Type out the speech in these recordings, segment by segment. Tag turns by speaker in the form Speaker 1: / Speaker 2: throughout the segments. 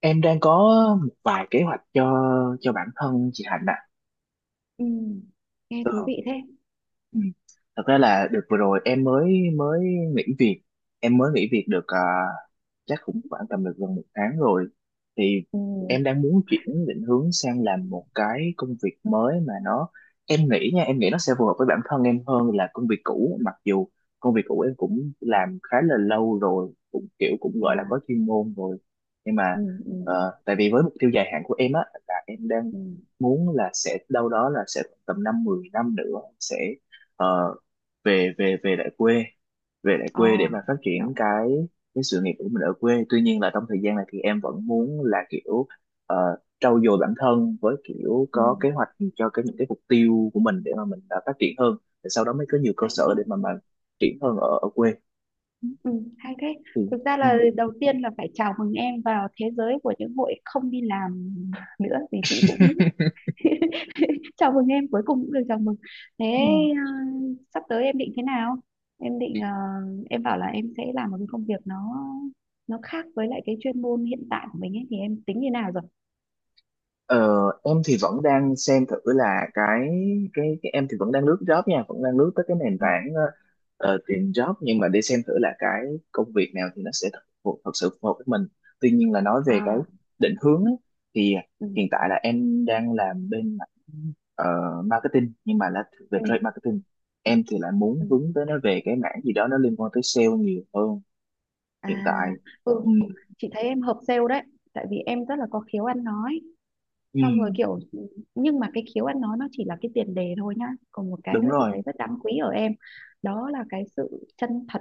Speaker 1: Em đang có một vài kế hoạch cho bản thân chị Hạnh ạ.
Speaker 2: Ừ, nghe
Speaker 1: Ừ.
Speaker 2: thú vị thế.
Speaker 1: Ừ. Thật ra là được vừa rồi em mới mới nghỉ việc, em mới nghỉ việc được, à, chắc cũng khoảng tầm được gần một tháng rồi thì
Speaker 2: Ừ,
Speaker 1: em đang muốn chuyển định hướng sang làm một cái công việc mới mà nó em nghĩ nha, em nghĩ nó sẽ phù hợp với bản thân em hơn là công việc cũ, mặc dù công việc cũ em cũng làm khá là lâu rồi, cũng kiểu cũng gọi là
Speaker 2: yeah.
Speaker 1: có chuyên môn rồi nhưng mà
Speaker 2: Ừ, ừ,
Speaker 1: tại vì với mục tiêu dài hạn của em á là em đang
Speaker 2: ừ.
Speaker 1: muốn là sẽ đâu đó là sẽ tầm 5-10 năm nữa sẽ ờ, về về về lại quê, về lại
Speaker 2: Ờ,
Speaker 1: quê để mà phát triển
Speaker 2: hiểu.
Speaker 1: cái sự nghiệp của mình ở quê, tuy nhiên là trong thời gian này thì em vẫn muốn là kiểu ờ, trau dồi bản thân với kiểu
Speaker 2: Ừ,
Speaker 1: có kế hoạch cho cái những cái mục tiêu của mình để mà mình phát triển hơn để sau đó mới có nhiều cơ
Speaker 2: hay thế.
Speaker 1: sở để mà triển hơn ở ở quê. Ừ.
Speaker 2: Ừ, hay thế.
Speaker 1: Thì
Speaker 2: Thực ra
Speaker 1: ừ,
Speaker 2: là đầu tiên là phải chào mừng em vào thế giới của những hội không đi làm nữa vì chị cũng chào mừng em cuối cùng cũng được chào mừng. Thế
Speaker 1: ừ.
Speaker 2: ờ, sắp tới em định thế nào? Em định em bảo là em sẽ làm một cái công việc nó khác với lại cái chuyên môn hiện tại của mình ấy thì em tính như nào rồi?
Speaker 1: Ờ, em thì vẫn đang xem thử là cái em thì vẫn đang lướt job nha, vẫn đang lướt tới cái nền
Speaker 2: Ừ.
Speaker 1: tảng tìm job nhưng mà để xem thử là cái công việc nào thì nó sẽ thật, thật sự phù hợp với mình. Tuy nhiên là nói về cái
Speaker 2: À,
Speaker 1: định hướng ấy, thì
Speaker 2: ừ,
Speaker 1: hiện tại là em đang làm bên mảng ờ, marketing nhưng mà là về
Speaker 2: ừ.
Speaker 1: trade marketing. Em thì lại muốn
Speaker 2: Ừ.
Speaker 1: hướng tới nó về cái mảng gì đó nó liên quan tới sale nhiều hơn hiện
Speaker 2: À,
Speaker 1: tại. Ừ,
Speaker 2: ừ, chị thấy em hợp sale đấy, tại vì em rất là có khiếu ăn nói.
Speaker 1: ừ,
Speaker 2: Xong rồi kiểu nhưng mà cái khiếu ăn nói nó chỉ là cái tiền đề thôi nhá. Còn một cái
Speaker 1: đúng
Speaker 2: nữa chị
Speaker 1: rồi.
Speaker 2: thấy rất đáng quý ở em, đó là cái sự chân thật,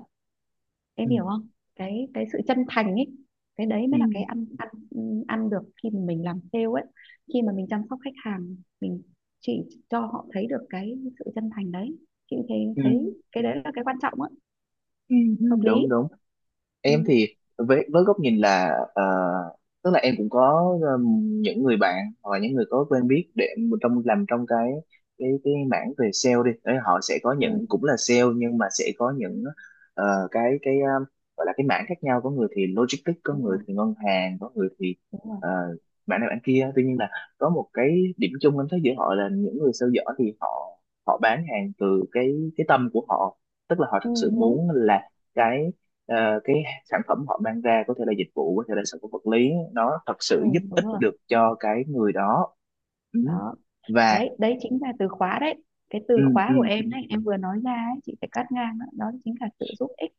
Speaker 2: em
Speaker 1: Ừ,
Speaker 2: hiểu không? Cái sự chân thành ấy. Cái đấy
Speaker 1: ừ,
Speaker 2: mới là cái ăn ăn ăn được khi mà mình làm sale ấy, khi mà mình chăm sóc khách hàng, mình chỉ cho họ thấy được cái sự chân thành đấy. Chị thấy
Speaker 1: ừ.
Speaker 2: thấy cái đấy là cái quan trọng á,
Speaker 1: Ừ, ừ,
Speaker 2: hợp lý.
Speaker 1: đúng đúng.
Speaker 2: Ừ,
Speaker 1: Em thì với góc nhìn là, ờ, tức là em cũng có những người bạn hoặc là những người có quen biết để trong làm trong cái cái mảng về sale đi. Đấy, họ sẽ có
Speaker 2: ừ,
Speaker 1: những cũng là sale nhưng mà sẽ có những ờ, cái cái ờ, gọi là cái mảng khác nhau, có người thì logistics, có
Speaker 2: đúng
Speaker 1: người
Speaker 2: rồi,
Speaker 1: thì ngân hàng, có người thì
Speaker 2: đúng rồi.
Speaker 1: ờ, mảng này mảng kia, tuy nhiên là có một cái điểm chung em thấy giữa họ là những người sale giỏi thì họ họ bán hàng từ cái tâm của họ, tức là họ thật
Speaker 2: Ừ,
Speaker 1: sự
Speaker 2: đúng.
Speaker 1: muốn là cái ờ, cái sản phẩm họ mang ra có thể là dịch vụ có thể là sản phẩm vật lý nó thật
Speaker 2: Ừ,
Speaker 1: sự giúp
Speaker 2: đúng
Speaker 1: ích
Speaker 2: rồi
Speaker 1: được cho cái người đó. Ừ.
Speaker 2: đó,
Speaker 1: Và
Speaker 2: đấy đấy chính là từ khóa đấy, cái
Speaker 1: ừ,
Speaker 2: từ khóa
Speaker 1: ừ,
Speaker 2: của em đấy em vừa nói ra ấy, chị phải cắt ngang đó, đó chính là sự giúp ích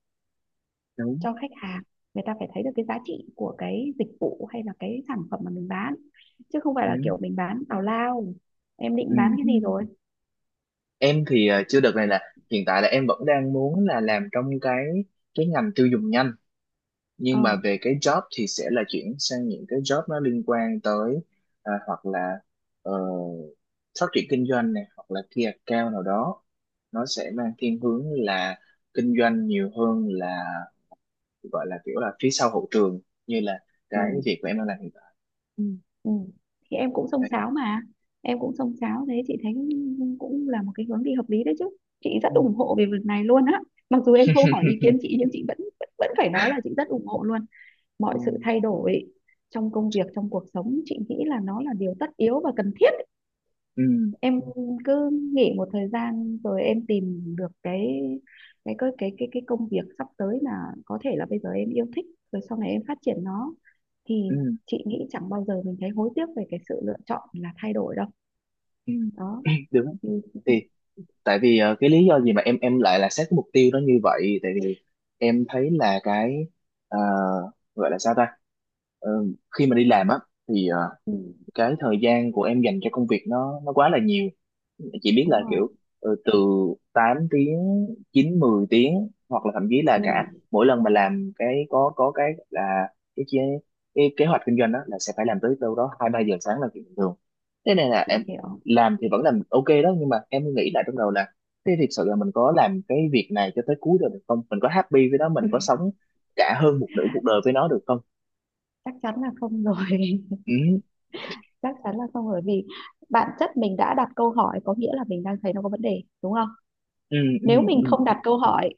Speaker 1: đúng.
Speaker 2: cho khách hàng, người ta phải thấy được cái giá trị của cái dịch vụ hay là cái sản phẩm mà mình bán chứ không phải là
Speaker 1: Ừ,
Speaker 2: kiểu mình bán tào lao. Em định
Speaker 1: ừ,
Speaker 2: bán cái
Speaker 1: ừ.
Speaker 2: gì rồi?
Speaker 1: Em thì chưa, đợt này là hiện tại là em vẫn đang muốn là làm trong cái ngành tiêu dùng nhanh, nhưng mà
Speaker 2: Ờ,
Speaker 1: về cái job thì sẽ là chuyển sang những cái job nó liên quan tới hoặc là ờ, phát triển kinh doanh này hoặc là key account nào đó, nó sẽ mang thiên hướng là kinh doanh nhiều hơn là gọi là kiểu là phía sau hậu trường như là
Speaker 2: ừ,
Speaker 1: cái việc của em đang làm hiện tại. Ừ.
Speaker 2: ừ. Thì em cũng xông
Speaker 1: Đấy.
Speaker 2: xáo mà, em cũng xông xáo thế chị thấy cũng là một cái hướng đi hợp lý đấy chứ, chị rất
Speaker 1: Ừ.
Speaker 2: ủng hộ về việc này luôn á. Mặc dù em không hỏi ý kiến chị nhưng chị vẫn vẫn vẫn phải nói là chị rất ủng hộ luôn mọi
Speaker 1: ừ.
Speaker 2: sự thay đổi trong công việc trong cuộc sống, chị nghĩ là nó là điều tất yếu và cần thiết.
Speaker 1: Ừ.
Speaker 2: Em cứ nghỉ một thời gian rồi em tìm được cái công việc sắp tới mà có thể là bây giờ em yêu thích rồi sau này em phát triển nó, thì
Speaker 1: Ừ.
Speaker 2: chị nghĩ chẳng bao giờ mình thấy hối tiếc về cái sự lựa chọn là thay đổi đâu.
Speaker 1: Ừ.
Speaker 2: Đó.
Speaker 1: Đúng.
Speaker 2: Ừ, ừ,
Speaker 1: Thì tại vì cái lý do gì mà em lại là xét cái mục tiêu nó như vậy, tại vì em thấy là cái ờ, gọi là sao ta. Ờ, khi mà đi làm á thì
Speaker 2: ừ,
Speaker 1: cái thời gian của em dành cho công việc nó quá là nhiều, chỉ biết
Speaker 2: đúng
Speaker 1: là
Speaker 2: rồi.
Speaker 1: kiểu từ 8 tiếng, 9-10 tiếng hoặc là thậm chí là
Speaker 2: Ừ,
Speaker 1: cả mỗi lần mà làm cái có cái là cái chế cái kế hoạch kinh doanh đó là sẽ phải làm tới đâu đó 2-3 giờ sáng là chuyện bình thường, thế này là em
Speaker 2: chị hiểu.
Speaker 1: làm thì vẫn làm ok đó nhưng mà em nghĩ lại trong đầu là thế thực sự là mình có làm cái việc này cho tới cuối được được không, mình có happy với nó, mình có sống cả hơn một nửa cuộc đời với nó được không.
Speaker 2: Chắc chắn là không rồi.
Speaker 1: Ừ,
Speaker 2: Chắc chắn là không, bởi vì bản chất mình đã đặt câu hỏi có nghĩa là mình đang thấy nó có vấn đề, đúng không?
Speaker 1: ừ, ừ.
Speaker 2: Nếu
Speaker 1: Ừ,
Speaker 2: mình không đặt câu hỏi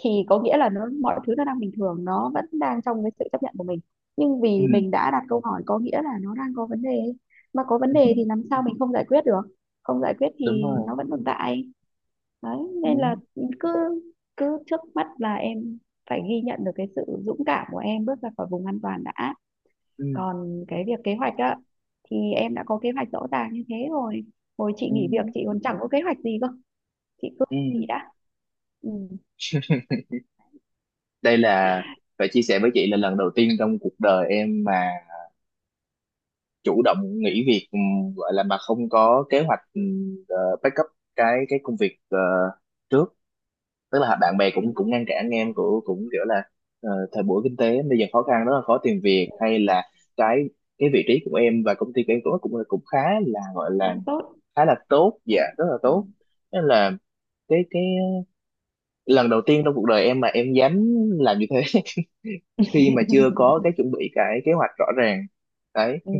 Speaker 2: thì có nghĩa là nó mọi thứ nó đang bình thường, nó vẫn đang trong cái sự chấp nhận của mình. Nhưng
Speaker 1: ừ,
Speaker 2: vì mình đã đặt câu hỏi có nghĩa là nó đang có vấn đề, mà có vấn
Speaker 1: ừ.
Speaker 2: đề thì làm sao mình không giải quyết được. Không giải quyết
Speaker 1: Đúng
Speaker 2: thì
Speaker 1: rồi.
Speaker 2: nó vẫn tồn tại. Đấy, nên
Speaker 1: Ừ,
Speaker 2: là cứ cứ trước mắt là em phải ghi nhận được cái sự dũng cảm của em bước ra khỏi vùng an toàn đã.
Speaker 1: ừ,
Speaker 2: Còn cái việc kế hoạch á, thì em đã có kế hoạch rõ ràng như thế rồi. Hồi chị
Speaker 1: ừ,
Speaker 2: nghỉ việc chị còn chẳng có kế hoạch gì cơ, chị cứ
Speaker 1: ừ.
Speaker 2: nghỉ đã. Ừ.
Speaker 1: Đây là phải chia sẻ với chị là lần đầu tiên trong cuộc đời em mà chủ động nghỉ việc, gọi là mà không có kế hoạch backup cái công việc trước, tức là bạn bè cũng
Speaker 2: Nhưng
Speaker 1: cũng ngăn cản em, cũng cũng kiểu là thời buổi kinh tế bây giờ khó khăn rất là khó tìm việc, hay là cái cái vị trí của em và công ty của em cũng cũng cũng khá là gọi là
Speaker 2: đang tốt.
Speaker 1: khá là tốt, dạ rất là
Speaker 2: Ừ.
Speaker 1: tốt, nên là cái lần đầu tiên trong cuộc đời em mà em dám làm như thế, khi mà chưa có cái chuẩn bị cái kế hoạch rõ ràng đấy.
Speaker 2: Ừ.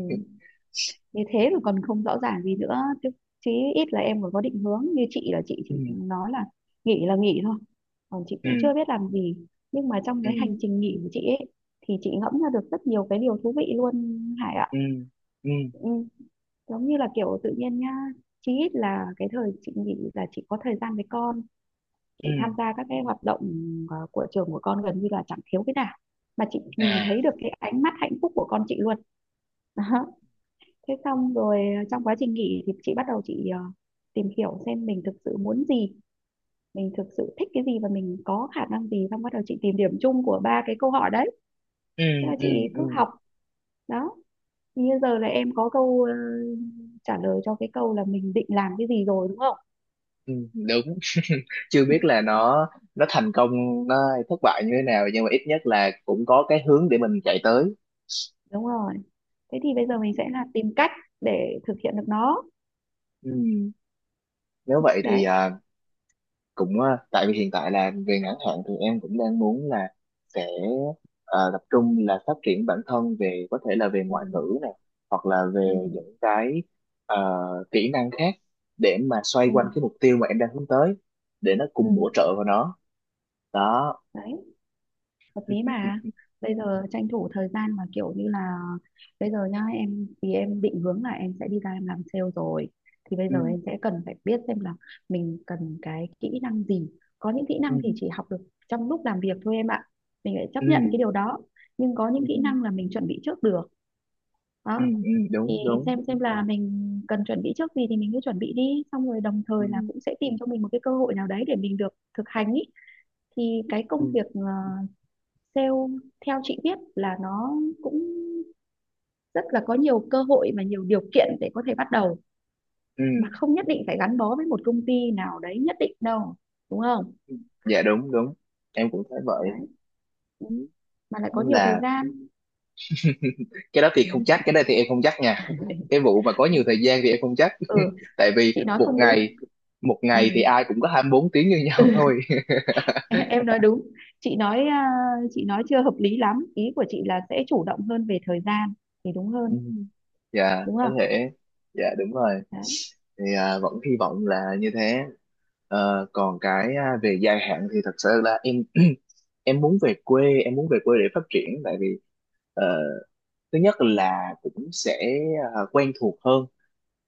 Speaker 2: Như thế rồi còn không rõ ràng gì nữa chứ, chí ít là em còn có định hướng. Như chị là chị chỉ
Speaker 1: Ừ,
Speaker 2: nói là nghỉ thôi, còn chị cũng
Speaker 1: ừ,
Speaker 2: chưa biết làm gì, nhưng mà trong
Speaker 1: ừ,
Speaker 2: cái hành trình nghỉ của chị ấy thì chị ngẫm ra được rất nhiều cái điều thú vị luôn, Hải ạ.
Speaker 1: ừ, ừ,
Speaker 2: Ừ. Giống như là kiểu tự nhiên nhá, chí ít là cái thời chị nghỉ là chị có thời gian với con,
Speaker 1: ừ.
Speaker 2: chị tham gia các cái hoạt động của trường của con gần như là chẳng thiếu cái nào, mà chị nhìn
Speaker 1: À.
Speaker 2: thấy được cái ánh mắt hạnh phúc của con chị luôn. Đó. Thế xong rồi trong quá trình nghỉ thì chị bắt đầu chị tìm hiểu xem mình thực sự muốn gì, mình thực sự thích cái gì và mình có khả năng gì, xong bắt đầu chị tìm điểm chung của ba cái câu hỏi đấy.
Speaker 1: Ừ,
Speaker 2: Thế là
Speaker 1: ừ,
Speaker 2: chị
Speaker 1: ừ,
Speaker 2: cứ học. Đó, như giờ là em có câu trả lời cho cái câu là mình định làm cái gì rồi, đúng không?
Speaker 1: ừ. Đúng. Chưa biết là nó thành công nó thất bại như thế nào nhưng mà ít nhất là cũng có cái hướng để mình chạy tới.
Speaker 2: Đúng rồi, thế thì bây giờ mình sẽ là tìm cách để thực hiện được nó.
Speaker 1: Ừ. Nếu vậy thì
Speaker 2: Đấy.
Speaker 1: à, cũng tại vì hiện tại là về ngắn hạn thì em cũng đang muốn là sẽ tập trung là phát triển bản thân về có thể là về
Speaker 2: Ừ.
Speaker 1: ngoại ngữ này hoặc là
Speaker 2: Ừ.
Speaker 1: về những cái ờ, kỹ năng khác để mà xoay
Speaker 2: Ừ.
Speaker 1: quanh cái mục tiêu mà em đang hướng tới để nó
Speaker 2: Ừ.
Speaker 1: cùng bổ trợ vào nó đó.
Speaker 2: Đấy hợp lý mà, bây giờ tranh thủ thời gian mà kiểu như là, bây giờ nhá, em thì em định hướng là em sẽ đi ra em làm sale rồi, thì bây
Speaker 1: Ừ,
Speaker 2: giờ em sẽ cần phải biết xem là mình cần cái kỹ năng gì. Có những kỹ năng
Speaker 1: ừ,
Speaker 2: thì chỉ học được trong lúc làm việc thôi em ạ, mình phải
Speaker 1: ừ,
Speaker 2: chấp nhận cái điều đó, nhưng có những
Speaker 1: ừ,
Speaker 2: kỹ
Speaker 1: ừ. Ừ,
Speaker 2: năng là mình chuẩn bị trước được.
Speaker 1: ừ,
Speaker 2: Đó,
Speaker 1: ừ,
Speaker 2: thì
Speaker 1: đúng đúng.
Speaker 2: xem là mình cần chuẩn bị trước gì thì mình cứ chuẩn bị đi, xong rồi đồng thời là
Speaker 1: Ừ,
Speaker 2: cũng sẽ tìm cho mình một cái cơ hội nào đấy để mình được thực hành ý. Thì cái
Speaker 1: ừ,
Speaker 2: công việc sale theo chị biết là nó cũng rất là có nhiều cơ hội và nhiều điều kiện để có thể bắt đầu,
Speaker 1: ừ.
Speaker 2: mà không nhất định phải gắn bó với một công ty nào đấy nhất định đâu, đúng không?
Speaker 1: Dạ đúng đúng. Em cũng thấy vậy.
Speaker 2: Đấy,
Speaker 1: Ừ,
Speaker 2: mà lại có
Speaker 1: đúng
Speaker 2: nhiều thời
Speaker 1: là
Speaker 2: gian.
Speaker 1: cái đó thì không chắc, cái đây thì em không chắc nha, cái vụ mà có nhiều thời gian thì em không chắc
Speaker 2: Ừ,
Speaker 1: tại vì
Speaker 2: chị nói không đúng.
Speaker 1: một
Speaker 2: Ừ.
Speaker 1: ngày thì ai cũng có 24 tiếng như nhau thôi.
Speaker 2: Em nói đúng, chị nói, à, chị nói chưa hợp lý lắm, ý của chị là sẽ chủ động hơn về thời gian thì đúng
Speaker 1: Ừ.
Speaker 2: hơn.
Speaker 1: Dạ
Speaker 2: Đúng
Speaker 1: có
Speaker 2: không?
Speaker 1: thể. Dạ đúng rồi
Speaker 2: Đấy.
Speaker 1: thì à, vẫn hy vọng là như thế. Ờ, còn cái à, về dài hạn thì thật sự là em em muốn về quê, em muốn về quê để phát triển tại vì ờ, thứ nhất là cũng sẽ quen thuộc hơn,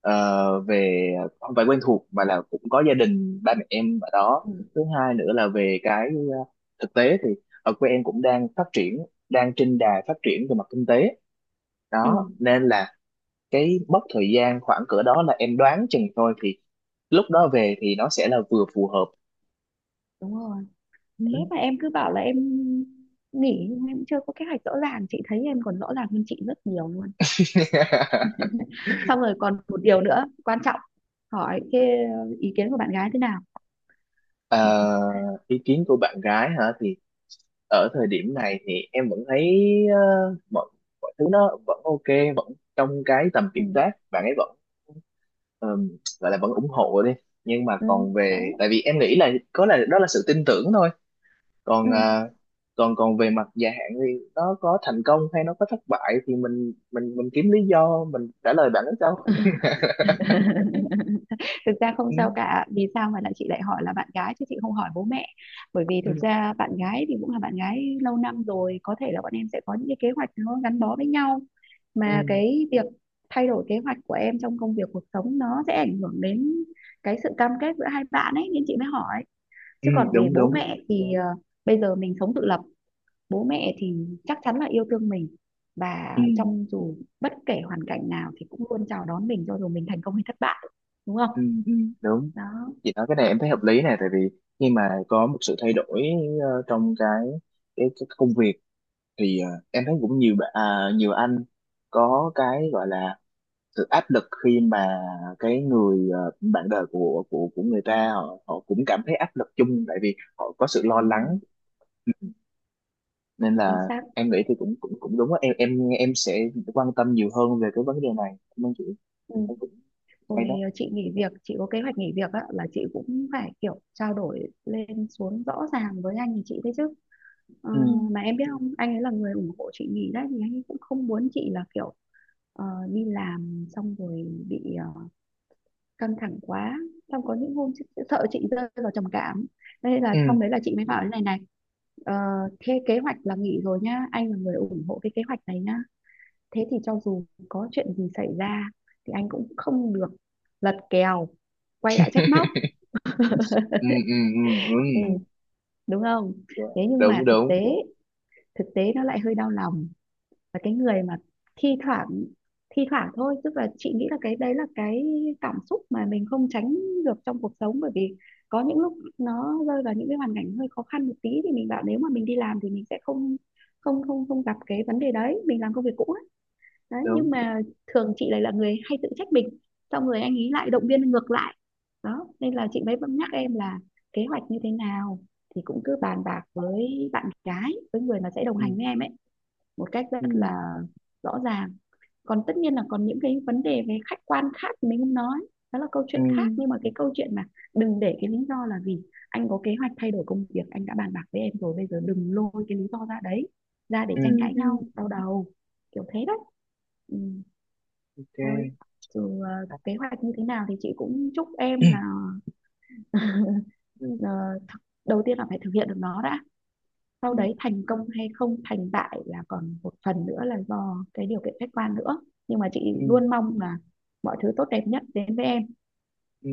Speaker 1: về không phải quen thuộc mà là cũng có gia đình ba mẹ em ở đó.
Speaker 2: Ừ,
Speaker 1: Thứ hai nữa là về cái thực tế thì ở quê em cũng đang phát triển, đang trên đà phát triển về mặt kinh tế
Speaker 2: ừ,
Speaker 1: đó, nên là cái mốc thời gian khoảng cỡ đó là em đoán chừng thôi thì lúc đó về thì nó sẽ là vừa phù hợp.
Speaker 2: đúng rồi. Thế
Speaker 1: Ừ.
Speaker 2: mà em cứ bảo là em nghỉ nhưng em chưa có kế hoạch rõ ràng, chị thấy em còn rõ ràng hơn chị rất nhiều luôn. Xong rồi còn một điều nữa quan trọng, hỏi cái ý kiến của bạn gái thế nào?
Speaker 1: Ờ, ý kiến của bạn gái hả thì ở thời điểm này thì em vẫn thấy ờ, mọi mọi thứ nó vẫn ok, vẫn trong cái tầm
Speaker 2: Ừ,
Speaker 1: kiểm soát, bạn ấy vẫn ờm, gọi là vẫn ủng hộ đi nhưng mà
Speaker 2: ừ,
Speaker 1: còn về,
Speaker 2: đấy.
Speaker 1: tại vì em nghĩ là có là đó là sự tin tưởng thôi.
Speaker 2: Ừ.
Speaker 1: Còn còn còn về mặt dài hạn thì nó có thành công hay nó có thất bại thì mình kiếm lý do mình trả lời bạn ấy sao.
Speaker 2: Thực ra không
Speaker 1: Ừ.
Speaker 2: sao cả, vì sao mà lại chị lại hỏi là bạn gái chứ chị không hỏi bố mẹ, bởi vì
Speaker 1: Ừ.
Speaker 2: thực ra bạn gái thì cũng là bạn gái lâu năm rồi, có thể là bọn em sẽ có những cái kế hoạch nó gắn bó với nhau,
Speaker 1: Ừ.
Speaker 2: mà cái việc thay đổi kế hoạch của em trong công việc cuộc sống nó sẽ ảnh hưởng đến cái sự cam kết giữa hai bạn ấy, nên chị mới hỏi.
Speaker 1: Ừ,
Speaker 2: Chứ còn về
Speaker 1: đúng
Speaker 2: bố
Speaker 1: đúng.
Speaker 2: mẹ thì bây giờ mình sống tự lập, bố mẹ thì chắc chắn là yêu thương mình, và
Speaker 1: Ừ,
Speaker 2: trong dù bất kể hoàn cảnh nào thì cũng luôn chào đón mình cho dù mình thành công hay thất bại, đúng không?
Speaker 1: ừ, ừ, đúng.
Speaker 2: Đó.
Speaker 1: Chị nói cái này em thấy hợp lý này, tại vì khi mà có một sự thay đổi trong cái công việc thì em thấy cũng nhiều à, nhiều anh có cái gọi là sự áp lực khi mà cái người bạn đời của của người ta họ họ cũng cảm thấy áp lực chung, tại vì họ có sự lo
Speaker 2: Đúng rồi.
Speaker 1: lắng nên
Speaker 2: Chính
Speaker 1: là
Speaker 2: xác.
Speaker 1: em nghĩ thì cũng cũng cũng đúng á, em sẽ quan tâm nhiều hơn về cái vấn đề này, cảm ơn chị.
Speaker 2: Ừ.
Speaker 1: Em cũng
Speaker 2: Rồi,
Speaker 1: hay đó.
Speaker 2: chị nghỉ việc, chị có kế hoạch nghỉ việc á, là chị cũng phải kiểu trao đổi lên xuống rõ ràng với anh thì chị đấy chứ. Ờ,
Speaker 1: Ừ,
Speaker 2: mà em biết không, anh ấy là người ủng hộ chị nghỉ đấy, thì anh ấy cũng không muốn chị là kiểu ờ, đi làm xong rồi bị căng thẳng quá, xong có những hôm sợ chị rơi vào trầm cảm, nên là
Speaker 1: ừ,
Speaker 2: xong đấy là chị mới bảo thế này này. ờ, Thế kế hoạch là nghỉ rồi nhá, anh là người ủng hộ cái kế hoạch này nhá, thế thì cho dù có chuyện gì xảy ra thì anh cũng không được lật kèo quay lại trách móc.
Speaker 1: ừ, ừ, ừ, ừ.
Speaker 2: Ừ, đúng không?
Speaker 1: Dạ,
Speaker 2: Thế nhưng mà
Speaker 1: đúng
Speaker 2: thực
Speaker 1: đúng
Speaker 2: tế thực tế nó lại hơi đau lòng. Và cái người mà thi thoảng thi thoảng thôi, tức là chị nghĩ là cái đấy là cái cảm xúc mà mình không tránh được trong cuộc sống, bởi vì có những lúc nó rơi vào những cái hoàn cảnh hơi khó khăn một tí thì mình bảo nếu mà mình đi làm thì mình sẽ không không không không gặp cái vấn đề đấy, mình làm công việc cũ ấy. Đấy,
Speaker 1: đúng.
Speaker 2: nhưng mà thường chị lại là người hay tự trách mình, xong rồi anh ấy lại động viên ngược lại. Đó, nên là chị mới vẫn nhắc em là kế hoạch như thế nào thì cũng cứ bàn bạc với bạn gái, với người mà sẽ đồng
Speaker 1: Ừ.
Speaker 2: hành với em ấy một cách rất
Speaker 1: Ừ.
Speaker 2: là rõ ràng. Còn tất nhiên là còn những cái vấn đề về khách quan khác mình không nói, đó là câu
Speaker 1: Ừ.
Speaker 2: chuyện khác, nhưng mà cái câu chuyện mà đừng để cái lý do là vì anh có kế hoạch thay đổi công việc, anh đã bàn bạc với em rồi, bây giờ đừng lôi cái lý do ra đấy ra để
Speaker 1: Ừ.
Speaker 2: tranh
Speaker 1: Ừ.
Speaker 2: cãi
Speaker 1: Ừ.
Speaker 2: nhau đau đầu. Kiểu thế đấy. Ừ, thôi,
Speaker 1: OK.
Speaker 2: dù kế hoạch như thế nào thì chị cũng chúc em là,
Speaker 1: Ừ.
Speaker 2: ờ, đầu tiên là phải thực hiện được nó đã, sau
Speaker 1: Ừ.
Speaker 2: đấy thành công hay không thành bại là còn một phần nữa là do cái điều kiện khách quan nữa, nhưng mà chị
Speaker 1: Ừ.
Speaker 2: luôn mong là mọi thứ tốt đẹp nhất đến với em.
Speaker 1: Ừ.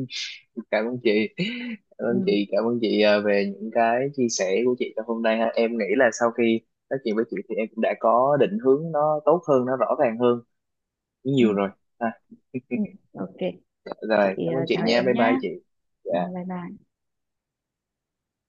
Speaker 1: Cảm ơn chị, cảm ơn
Speaker 2: Ừ,
Speaker 1: chị, cảm ơn chị à, về những cái chia sẻ của chị trong hôm nay ha. Em nghĩ là sau khi nói chuyện với chị thì em cũng đã có định hướng nó tốt hơn, nó rõ ràng hơn
Speaker 2: ừ,
Speaker 1: nhiều rồi ha.
Speaker 2: ừ. Ok. Chị,
Speaker 1: Rồi cảm ơn chị
Speaker 2: chào
Speaker 1: nha,
Speaker 2: em
Speaker 1: bye
Speaker 2: nhá.
Speaker 1: bye chị.
Speaker 2: Ừ,
Speaker 1: Dạ.
Speaker 2: bye bye.